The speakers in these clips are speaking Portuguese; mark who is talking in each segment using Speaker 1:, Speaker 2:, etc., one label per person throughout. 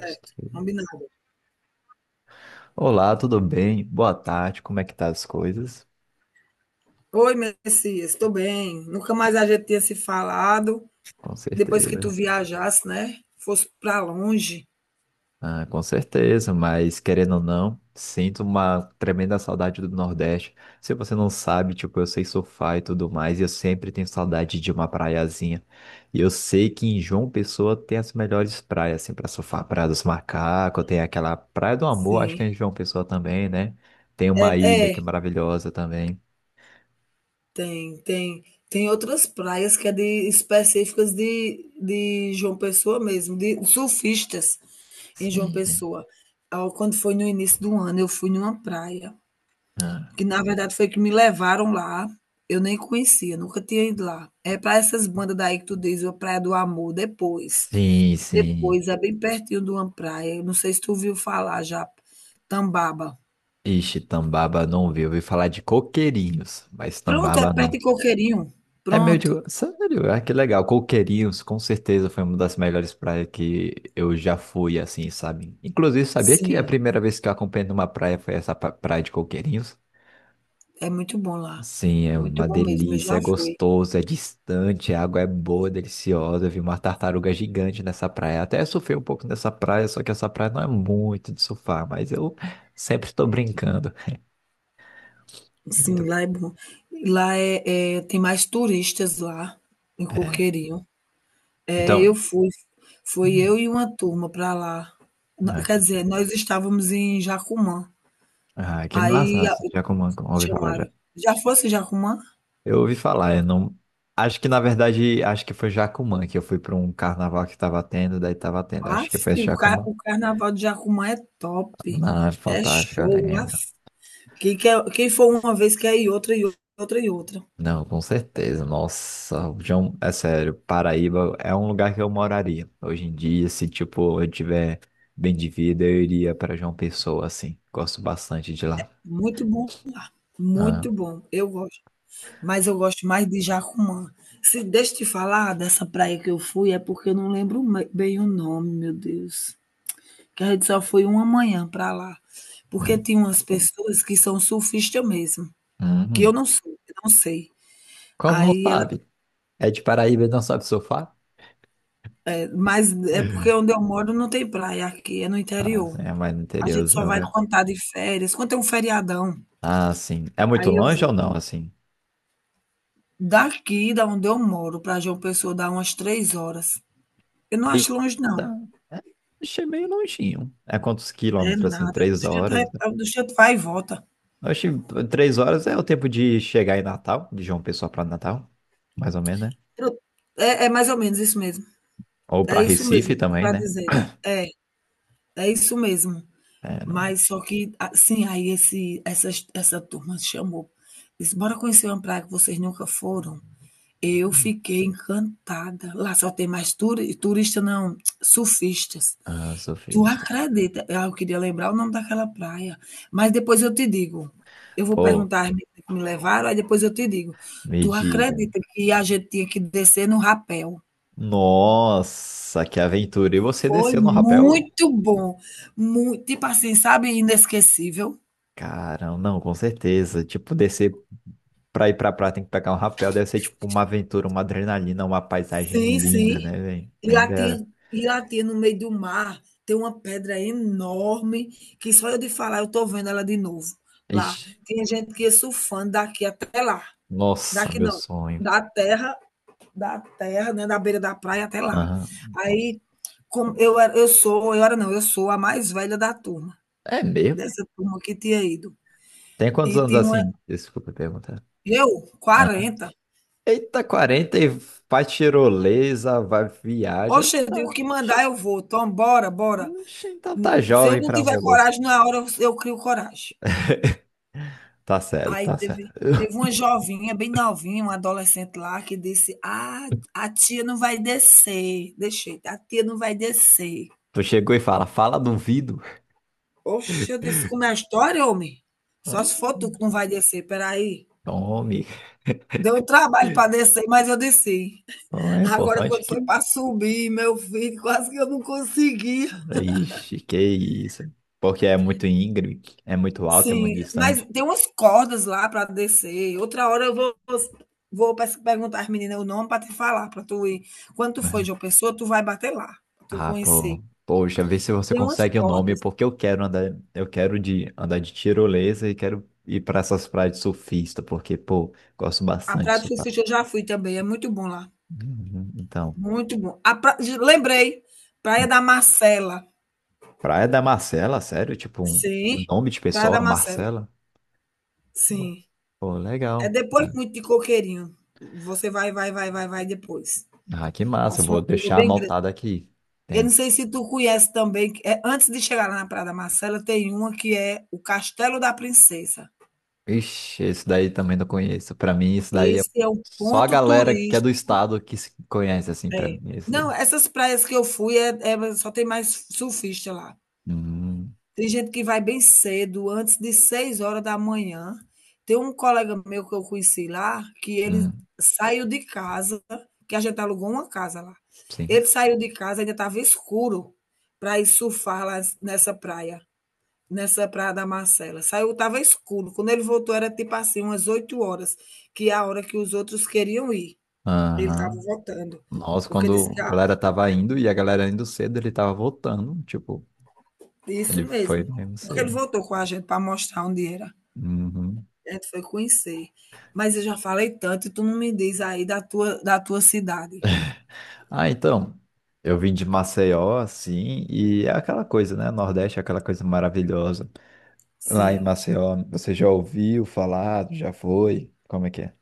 Speaker 1: Estranho.
Speaker 2: Combinado.
Speaker 1: Olá, tudo bem? Boa tarde, como é que tá as coisas?
Speaker 2: Oi, Messias, estou bem. Nunca mais a gente tinha se falado.
Speaker 1: Com
Speaker 2: Depois que tu
Speaker 1: certeza.
Speaker 2: viajasse, né? Fosse para longe.
Speaker 1: Com certeza, mas querendo ou não, sinto uma tremenda saudade do Nordeste. Se você não sabe, tipo, eu sei surfar e tudo mais, e eu sempre tenho saudade de uma praiazinha. E eu sei que em João Pessoa tem as melhores praias, assim, pra surfar. Praia dos Macacos, tem aquela Praia do Amor, acho que
Speaker 2: Sim.
Speaker 1: é em João Pessoa também, né? Tem
Speaker 2: É,
Speaker 1: uma ilha que é
Speaker 2: é,
Speaker 1: maravilhosa também.
Speaker 2: tem, tem. Tem outras praias que é de específicas de João Pessoa mesmo, de surfistas em João
Speaker 1: Sim, né?
Speaker 2: Pessoa. Ah, quando foi no início do ano, eu fui numa praia,
Speaker 1: Ah,
Speaker 2: que na verdade foi que me levaram lá. Eu nem conhecia, nunca tinha ido lá. É para essas bandas daí que tu diz, a Praia do Amor, depois.
Speaker 1: sim, sim.
Speaker 2: Depois, é bem pertinho de uma praia, eu não sei se tu ouviu falar já, Tambaba.
Speaker 1: Ixi, Tambaba não vi. Eu ouvi falar de coqueirinhos, mas
Speaker 2: Pronto, é
Speaker 1: Tambaba
Speaker 2: perto
Speaker 1: não.
Speaker 2: de Coqueirinho,
Speaker 1: É meio de.
Speaker 2: pronto.
Speaker 1: Sério, ah, que legal. Coqueirinhos, com certeza, foi uma das melhores praias que eu já fui, assim, sabe? Inclusive, sabia que a
Speaker 2: Sim,
Speaker 1: primeira vez que eu acompanhei numa praia foi essa praia de Coqueirinhos?
Speaker 2: é muito bom lá,
Speaker 1: Sim, é
Speaker 2: muito
Speaker 1: uma
Speaker 2: bom mesmo, eu
Speaker 1: delícia,
Speaker 2: já
Speaker 1: é
Speaker 2: fui.
Speaker 1: gostoso, é distante, a água é boa, deliciosa. Eu vi uma tartaruga gigante nessa praia. Até surfei um pouco nessa praia, só que essa praia não é muito de surfar, mas eu sempre estou brincando.
Speaker 2: Sim,
Speaker 1: Muito.
Speaker 2: lá é bom. Lá é, tem mais turistas lá, em
Speaker 1: É.
Speaker 2: Coqueirinho. É, eu
Speaker 1: Então,
Speaker 2: fui, foi
Speaker 1: hum.
Speaker 2: eu e uma turma para lá. N Quer
Speaker 1: Aqui.
Speaker 2: dizer, nós estávamos em Jacumã,
Speaker 1: Ah, que
Speaker 2: aí
Speaker 1: massa,
Speaker 2: a
Speaker 1: Jacumã, ouvi falar
Speaker 2: chamaram
Speaker 1: já.
Speaker 2: já fosse em Jacumã?
Speaker 1: Eu ouvi falar, eu não. Acho que na verdade, acho que foi Jacumã que eu fui para um carnaval que tava tendo, daí tava tendo. Acho que
Speaker 2: Aff,
Speaker 1: foi
Speaker 2: o car
Speaker 1: Jacumã.
Speaker 2: o carnaval de Jacumã é top,
Speaker 1: Não, é
Speaker 2: é
Speaker 1: fantástico, eu
Speaker 2: show,
Speaker 1: lembro.
Speaker 2: aff. Quem for uma vez quer ir outra, e outra, outra e outra.
Speaker 1: Não, com certeza. Nossa, o João, é sério, Paraíba é um lugar que eu moraria. Hoje em dia, se tipo, eu tiver bem de vida, eu iria para João Pessoa, assim. Gosto bastante de lá.
Speaker 2: Muito bom,
Speaker 1: Ah,
Speaker 2: muito bom, eu gosto. Mas eu gosto mais de Jacumã. Se deixa eu te falar dessa praia que eu fui, é porque eu não lembro bem o nome, meu Deus. Que a gente só foi uma manhã para lá. Porque
Speaker 1: é.
Speaker 2: tem umas pessoas que são surfistas mesmo, que eu
Speaker 1: Uhum.
Speaker 2: não sou, eu não sei.
Speaker 1: Como não
Speaker 2: Aí
Speaker 1: sabe? É de Paraíba e não sabe surfar?
Speaker 2: mas é porque onde eu moro não tem praia aqui, é no
Speaker 1: Ah, sim,
Speaker 2: interior.
Speaker 1: é mais no
Speaker 2: A gente só
Speaker 1: interiorzão,
Speaker 2: vai
Speaker 1: né?
Speaker 2: quando tá de férias, quando tem um feriadão,
Speaker 1: Ah, sim. É muito
Speaker 2: aí eu
Speaker 1: longe ou
Speaker 2: vou.
Speaker 1: não, assim?
Speaker 2: Daqui da onde eu moro pra João Pessoa dá umas 3 horas. Eu não acho longe não,
Speaker 1: Eita, é, achei meio longinho. É quantos
Speaker 2: é
Speaker 1: quilômetros, assim?
Speaker 2: nada.
Speaker 1: Três
Speaker 2: Do jeito vai
Speaker 1: horas?
Speaker 2: do jeito vai e volta.
Speaker 1: Achei três horas é o tempo de chegar em Natal, de João Pessoa para Natal, mais ou menos, né?
Speaker 2: Pro é é mais ou menos isso mesmo,
Speaker 1: Ou
Speaker 2: é
Speaker 1: para
Speaker 2: isso
Speaker 1: Recife
Speaker 2: mesmo que tu
Speaker 1: também,
Speaker 2: tá
Speaker 1: né?
Speaker 2: dizendo. É, é isso mesmo.
Speaker 1: É, não...
Speaker 2: Mas só que assim, aí esse essas essa turma chamou, disse: "Bora conhecer uma praia que vocês nunca foram?" Eu fiquei encantada. Lá só tem mais turista não, surfistas.
Speaker 1: Ah,
Speaker 2: Tu
Speaker 1: surfista.
Speaker 2: acredita? Ah, eu queria lembrar o nome daquela praia, mas depois eu te digo. Eu vou
Speaker 1: Pô,
Speaker 2: perguntar às meninas que me levaram, aí depois eu te digo.
Speaker 1: me
Speaker 2: Tu
Speaker 1: diga.
Speaker 2: acredita que a gente tinha que descer no rapel?
Speaker 1: Nossa, que aventura. E você
Speaker 2: Foi
Speaker 1: desceu no rapel?
Speaker 2: muito bom, muito, tipo assim, sabe, inesquecível?
Speaker 1: Caramba, não, com certeza. Tipo, descer. Pra ir pra praia tem que pegar um rapel. Deve ser tipo uma aventura, uma adrenalina, uma paisagem
Speaker 2: Sim,
Speaker 1: linda,
Speaker 2: sim.
Speaker 1: né, velho?
Speaker 2: E
Speaker 1: Bem
Speaker 2: lá
Speaker 1: bela.
Speaker 2: tinha e lá tinha no meio do mar, tem uma pedra enorme, que só eu de falar eu tô vendo ela de novo, lá.
Speaker 1: Ixi,
Speaker 2: Tinha gente que ia surfando daqui até lá.
Speaker 1: nossa,
Speaker 2: Daqui
Speaker 1: meu
Speaker 2: não,
Speaker 1: sonho.
Speaker 2: da terra da terra, né, da beira da praia até lá.
Speaker 1: Aham.
Speaker 2: Aí, como eu era eu sou eu era não, eu sou a mais velha da turma,
Speaker 1: É mesmo?
Speaker 2: dessa turma que tinha ido.
Speaker 1: Tem quantos
Speaker 2: E
Speaker 1: anos
Speaker 2: tinha uma
Speaker 1: assim? Desculpa perguntar.
Speaker 2: eu?
Speaker 1: Aham.
Speaker 2: 40.
Speaker 1: Eita, 40 e faz tirolesa, vai viaja.
Speaker 2: Oxe, eu digo: "O
Speaker 1: Tá...
Speaker 2: que
Speaker 1: Oxe,
Speaker 2: mandar eu vou, tom, bora, bora".
Speaker 1: oxe, então tá
Speaker 2: Se eu
Speaker 1: jovem
Speaker 2: não
Speaker 1: pra o
Speaker 2: tiver
Speaker 1: meu gosto.
Speaker 2: coragem na hora, eu crio coragem.
Speaker 1: Tá certo,
Speaker 2: Aí
Speaker 1: tá certo.
Speaker 2: teve uma jovinha, bem novinha, uma adolescente lá que disse: "Ah, a tia não vai descer", deixei "A tia não vai descer".
Speaker 1: Tu chegou e fala, fala duvido.
Speaker 2: Oxe, eu disse: "Como é a história, homem? Só
Speaker 1: Ó,
Speaker 2: se for tu que não vai descer, espera aí".
Speaker 1: tome.
Speaker 2: Deu um trabalho para descer, mas eu desci.
Speaker 1: Ó, é
Speaker 2: Agora
Speaker 1: importante
Speaker 2: quando
Speaker 1: que
Speaker 2: foi para subir, meu filho, quase que eu não consegui.
Speaker 1: Ixi, que isso. Porque é muito íngreme, é muito alto, é muito
Speaker 2: Sim, mas
Speaker 1: distante.
Speaker 2: tem umas cordas lá para descer. Outra hora eu vou vou pes perguntar às meninas o nome para te falar, para tu ir. Quando tu for
Speaker 1: Né?
Speaker 2: de uma Pessoa, tu vai bater lá, pra tu
Speaker 1: Ah, pô.
Speaker 2: conhecer.
Speaker 1: Poxa, vê se você
Speaker 2: Tem umas
Speaker 1: consegue o nome,
Speaker 2: cordas.
Speaker 1: porque eu quero andar, eu quero de andar de tirolesa e quero ir para essas praias de surfista, porque, pô, gosto
Speaker 2: A
Speaker 1: bastante de
Speaker 2: Praia do
Speaker 1: surfar.
Speaker 2: Surfista eu já fui também, é muito bom lá,
Speaker 1: Uhum, então,
Speaker 2: muito bom. A pra ge lembrei, Praia
Speaker 1: hum.
Speaker 2: da Marcela.
Speaker 1: Praia da Marcela, sério? Tipo, um
Speaker 2: Sim,
Speaker 1: nome de
Speaker 2: Praia da
Speaker 1: pessoa,
Speaker 2: Marcela.
Speaker 1: Marcela?
Speaker 2: Sim.
Speaker 1: Pô,
Speaker 2: É
Speaker 1: legal.
Speaker 2: depois muito de Coqueirinho. Você vai, vai, vai, vai, vai depois.
Speaker 1: Ah, que massa, eu
Speaker 2: Passa
Speaker 1: vou
Speaker 2: uma curva
Speaker 1: deixar
Speaker 2: bem grande.
Speaker 1: anotado aqui.
Speaker 2: Eu não sei se tu conhece também, que é, antes de chegar lá na Praia da Marcela, tem uma que é o Castelo da Princesa.
Speaker 1: Ixi, isso daí também não conheço. Pra mim, isso daí é
Speaker 2: Esse é um
Speaker 1: só a
Speaker 2: ponto
Speaker 1: galera que é do
Speaker 2: turístico
Speaker 1: estado que se conhece, assim, pra
Speaker 2: é.
Speaker 1: mim. Isso daí.
Speaker 2: Não, essas praias que eu fui é só tem mais surfista lá.
Speaker 1: Hum,
Speaker 2: Tem gente que vai bem cedo, antes de 6 horas da manhã. Tem um colega meu que eu conheci lá, que ele
Speaker 1: hum,
Speaker 2: saiu de casa, que a gente alugou uma casa lá.
Speaker 1: sim.
Speaker 2: Ele saiu de casa, ainda estava escuro, para ir surfar lá nessa praia, nessa Praia da Marcela. Saiu, estava escuro. Quando ele voltou, era tipo assim, umas 8 horas, que é a hora que os outros queriam ir. Ele estava
Speaker 1: Aham.
Speaker 2: voltando,
Speaker 1: Nossa,
Speaker 2: porque disse
Speaker 1: quando
Speaker 2: que
Speaker 1: a
Speaker 2: a
Speaker 1: galera tava indo e a galera indo cedo, ele tava voltando. Tipo,
Speaker 2: isso
Speaker 1: ele foi
Speaker 2: mesmo.
Speaker 1: mesmo
Speaker 2: Porque ele
Speaker 1: cedo.
Speaker 2: voltou com a gente para mostrar onde era.
Speaker 1: Uhum.
Speaker 2: A gente foi conhecer. Mas eu já falei tanto, e tu não me diz aí da tua cidade.
Speaker 1: Ah, então. Eu vim de Maceió, assim, e é aquela coisa, né? Nordeste é aquela coisa maravilhosa. Lá em
Speaker 2: Sim.
Speaker 1: Maceió, você já ouviu falar? Já foi? Como é que é?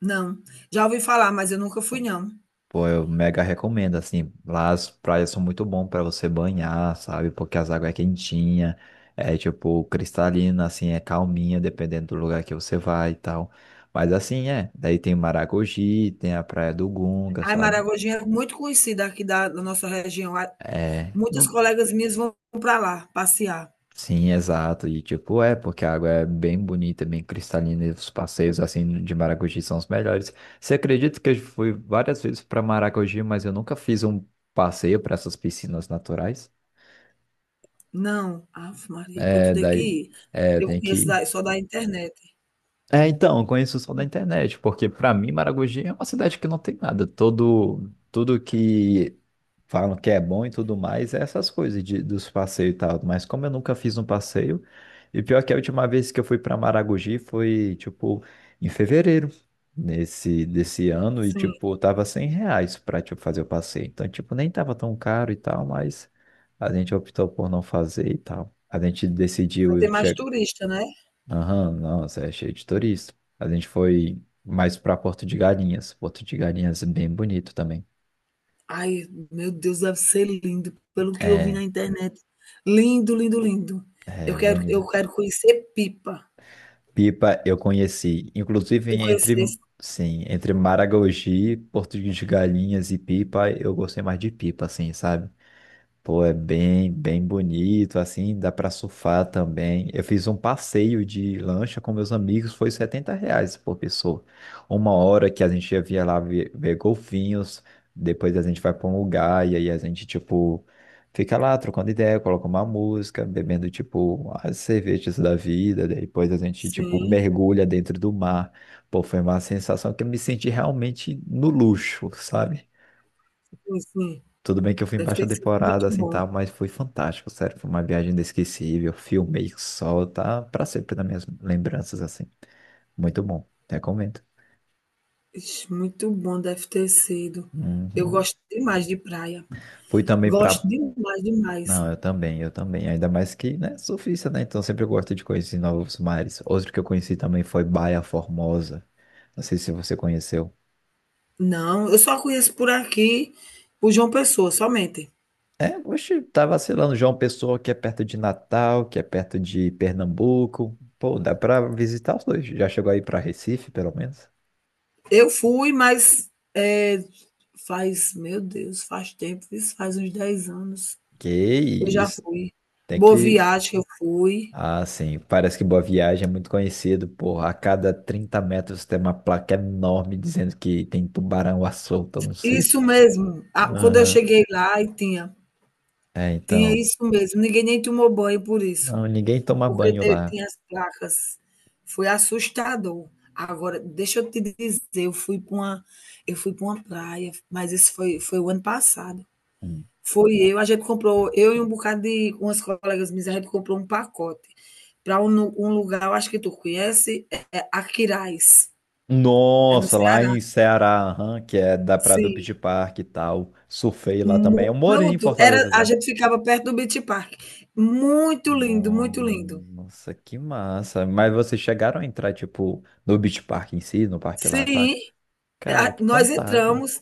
Speaker 2: Não. Já ouvi falar, mas eu nunca fui, não.
Speaker 1: Pô, eu mega recomendo, assim, lá as praias são muito bom para você banhar, sabe? Porque as águas é quentinha, é tipo cristalina, assim, é calminha, dependendo do lugar que você vai e tal. Mas assim, é, daí tem Maragogi, tem a Praia do Gunga,
Speaker 2: A
Speaker 1: sabe?
Speaker 2: Maragogi é muito conhecida aqui da nossa região.
Speaker 1: É,
Speaker 2: Muitas
Speaker 1: no.
Speaker 2: colegas minhas vão para lá passear.
Speaker 1: Sim, exato, e tipo, é, porque a água é bem bonita, bem cristalina, e os passeios, assim, de Maragogi são os melhores. Você acredita que eu fui várias vezes para Maragogi, mas eu nunca fiz um passeio para essas piscinas naturais?
Speaker 2: Não, ave Maria, pois tu
Speaker 1: É,
Speaker 2: tem que
Speaker 1: daí,
Speaker 2: ir.
Speaker 1: é,
Speaker 2: Eu
Speaker 1: tem
Speaker 2: conheço
Speaker 1: que.
Speaker 2: da só da internet.
Speaker 1: É, então, eu conheço só da internet, porque pra mim Maragogi é uma cidade que não tem nada. Todo, tudo que falam que é bom e tudo mais é essas coisas de, dos passeios e tal. Mas como eu nunca fiz um passeio, e pior que a última vez que eu fui pra Maragogi foi, tipo, em fevereiro nesse, desse ano, e,
Speaker 2: Sim,
Speaker 1: tipo, tava R$ 100 pra, tipo, fazer o passeio. Então, tipo, nem tava tão caro e tal, mas a gente optou por não fazer e tal. A gente decidiu.
Speaker 2: só tem mais turista, né.
Speaker 1: Aham, nossa, é cheio de turista. A gente foi mais pra Porto de Galinhas. Porto de Galinhas é bem bonito também.
Speaker 2: Ai, meu Deus, deve ser lindo, pelo que eu vi
Speaker 1: É,
Speaker 2: na internet. Lindo, lindo, lindo.
Speaker 1: é
Speaker 2: Eu quero
Speaker 1: bonito.
Speaker 2: eu quero conhecer Pipa.
Speaker 1: Pipa eu conheci, inclusive
Speaker 2: Tu
Speaker 1: entre,
Speaker 2: conhecesse?
Speaker 1: sim, entre Maragogi, Porto de Galinhas e Pipa, eu gostei mais de Pipa, assim, sabe? Pô, é bem, bem bonito, assim, dá pra surfar também. Eu fiz um passeio de lancha com meus amigos, foi R$ 70 por pessoa. Uma hora que a gente ia via lá ver, ver golfinhos, depois a gente vai pra um lugar e aí a gente, tipo, fica lá trocando ideia, coloca uma música, bebendo, tipo, as cervejas da vida, daí depois a gente, tipo,
Speaker 2: Sim,
Speaker 1: mergulha dentro do mar. Pô, foi uma sensação que eu me senti realmente no luxo, sabe?
Speaker 2: sim, sim.
Speaker 1: Tudo bem que eu fui em
Speaker 2: Deve ter
Speaker 1: baixa
Speaker 2: sido muito
Speaker 1: temporada, assim,
Speaker 2: bom.
Speaker 1: tá? Mas foi fantástico, sério. Foi uma viagem inesquecível. Filmei que sol, tá? Pra sempre nas minhas lembranças, assim. Muito bom. Recomendo.
Speaker 2: Ixi, muito bom deve ter sido. Eu
Speaker 1: Uhum.
Speaker 2: gosto demais de praia.
Speaker 1: Fui também
Speaker 2: Gosto
Speaker 1: pra...
Speaker 2: demais, demais.
Speaker 1: Não, eu também, eu também. Ainda mais que, né, surfista, né? Então sempre eu gosto de conhecer novos mares. Outro que eu conheci também foi Baia Formosa. Não sei se você conheceu.
Speaker 2: Não, eu só conheço por aqui, por João Pessoa, somente.
Speaker 1: É, oxe, tá vacilando. João Pessoa, que é perto de Natal, que é perto de Pernambuco. Pô, dá pra visitar os dois. Já chegou aí pra Recife, pelo menos?
Speaker 2: Eu fui, mas faz, meu Deus, faz tempo, isso faz uns 10 anos.
Speaker 1: Que
Speaker 2: Eu já
Speaker 1: isso,
Speaker 2: fui.
Speaker 1: tem
Speaker 2: Boa
Speaker 1: que.
Speaker 2: Viagem eu fui.
Speaker 1: Ah, sim, parece que Boa Viagem é muito conhecido, porra. A cada 30 metros tem uma placa enorme dizendo que tem tubarão à solta, eu não sei.
Speaker 2: Isso mesmo, a quando eu
Speaker 1: Aham.
Speaker 2: cheguei lá e tinha
Speaker 1: É,
Speaker 2: tinha
Speaker 1: então.
Speaker 2: isso mesmo, ninguém nem tomou banho por isso,
Speaker 1: Não, ninguém toma
Speaker 2: porque
Speaker 1: banho
Speaker 2: te
Speaker 1: lá.
Speaker 2: tinha as placas. Foi assustador. Agora, deixa eu te dizer, eu fui pra uma praia, mas isso foi o ano passado.
Speaker 1: Hum.
Speaker 2: Foi eu, a gente comprou, eu e um bocado de umas colegas minhas, a gente comprou um pacote para um nu um lugar, eu acho que tu conhece, é Aquiraz, é no
Speaker 1: Nossa, lá
Speaker 2: Ceará.
Speaker 1: em Ceará, aham, que é da Praia do
Speaker 2: Sim,
Speaker 1: Beach Park e tal. Surfei lá
Speaker 2: mu
Speaker 1: também. Eu morei em
Speaker 2: pronto, era
Speaker 1: Fortaleza
Speaker 2: a
Speaker 1: já.
Speaker 2: gente ficava perto do Beach Park. Muito lindo, muito lindo.
Speaker 1: Nossa, que massa. Mas vocês chegaram a entrar, tipo, no Beach Park em si, no parque lá
Speaker 2: Sim,
Speaker 1: aquático? Cara,
Speaker 2: a
Speaker 1: que
Speaker 2: nós
Speaker 1: fantástico.
Speaker 2: entramos,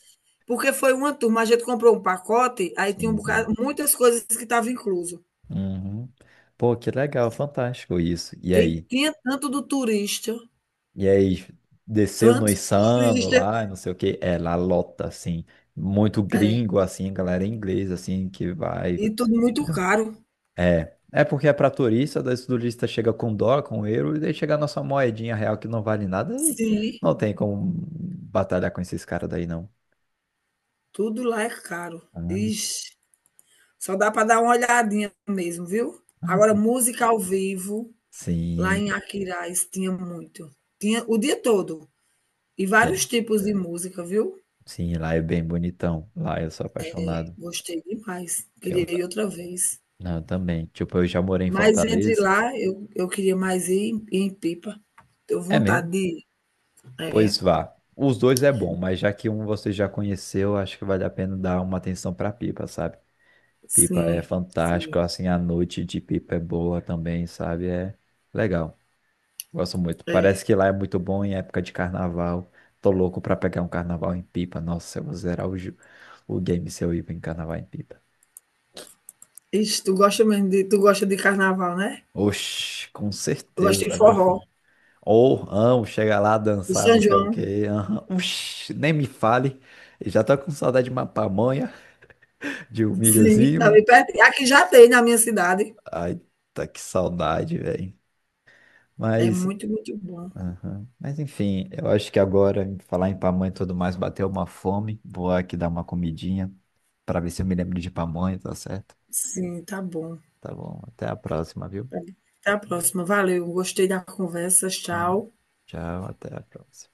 Speaker 2: porque foi uma turma, a gente comprou um pacote, aí tinha um
Speaker 1: Sim, sim.
Speaker 2: bocado muitas coisas que estava incluso.
Speaker 1: Uhum. Pô, que legal, fantástico isso. E
Speaker 2: Tem
Speaker 1: aí?
Speaker 2: tinha tanto do turista,
Speaker 1: E aí, desceu no
Speaker 2: tanto
Speaker 1: Insano
Speaker 2: turista,
Speaker 1: lá, não sei o quê. É, lá lota, assim. Muito
Speaker 2: é,
Speaker 1: gringo, assim, galera inglesa, assim, que vai.
Speaker 2: e tudo muito caro.
Speaker 1: É. É porque é pra turista, daí o turista chega com dólar, com euro, e daí chega a nossa moedinha real que não vale nada, e
Speaker 2: Sim,
Speaker 1: não tem como batalhar com esses caras daí, não.
Speaker 2: tudo lá é caro.
Speaker 1: Ah,
Speaker 2: Ixi, só dá para dar uma olhadinha mesmo, viu.
Speaker 1: ah.
Speaker 2: Agora música ao vivo, lá em
Speaker 1: Sim,
Speaker 2: Aquiraz tinha muito. Tinha o dia todo, e vários
Speaker 1: tem.
Speaker 2: tipos de música, viu.
Speaker 1: Sim, lá é bem bonitão. Lá eu sou apaixonado.
Speaker 2: Gostei demais, queria ir outra vez.
Speaker 1: Não, eu também. Tipo, eu já morei em
Speaker 2: Mas entre
Speaker 1: Fortaleza.
Speaker 2: lá, eu queria mais ir em Pipa. Tenho
Speaker 1: É
Speaker 2: vontade
Speaker 1: mesmo?
Speaker 2: de ir. É,
Speaker 1: Pois vá. Os dois é bom, mas já que um você já conheceu, acho que vale a pena dar uma atenção pra Pipa, sabe? Pipa é
Speaker 2: sim, sim.
Speaker 1: fantástico, assim, a noite de Pipa é boa também, sabe? É legal. Gosto muito.
Speaker 2: É.
Speaker 1: Parece que lá é muito bom em época de carnaval. Tô louco pra pegar um carnaval em Pipa. Nossa, eu vou zerar o, ju- o game se eu ir em carnaval em Pipa.
Speaker 2: Ixi, tu gosta de carnaval, né?
Speaker 1: Oxi, com
Speaker 2: Tu
Speaker 1: certeza,
Speaker 2: gosta de
Speaker 1: da melhor
Speaker 2: forró,
Speaker 1: forma. Ou amo chegar lá,
Speaker 2: de
Speaker 1: dançar, não
Speaker 2: São
Speaker 1: sei o
Speaker 2: João.
Speaker 1: quê. Aham. Uxi, nem me fale. Eu já tô com saudade de uma pamonha, de um
Speaker 2: Sim, tá
Speaker 1: milhozinho.
Speaker 2: bem pertinho. Aqui já tem na minha cidade.
Speaker 1: Ai, tá que saudade, velho.
Speaker 2: É
Speaker 1: Mas,
Speaker 2: muito, muito bom.
Speaker 1: aham. Mas enfim, eu acho que agora, em falar em pamonha e tudo mais, bateu uma fome. Vou aqui dar uma comidinha pra ver se eu me lembro de pamonha, tá certo?
Speaker 2: Sim, tá bom.
Speaker 1: Tá bom, até a próxima, viu?
Speaker 2: Até a próxima. Valeu, gostei da conversa.
Speaker 1: Tá,
Speaker 2: Tchau.
Speaker 1: tchau, até a próxima.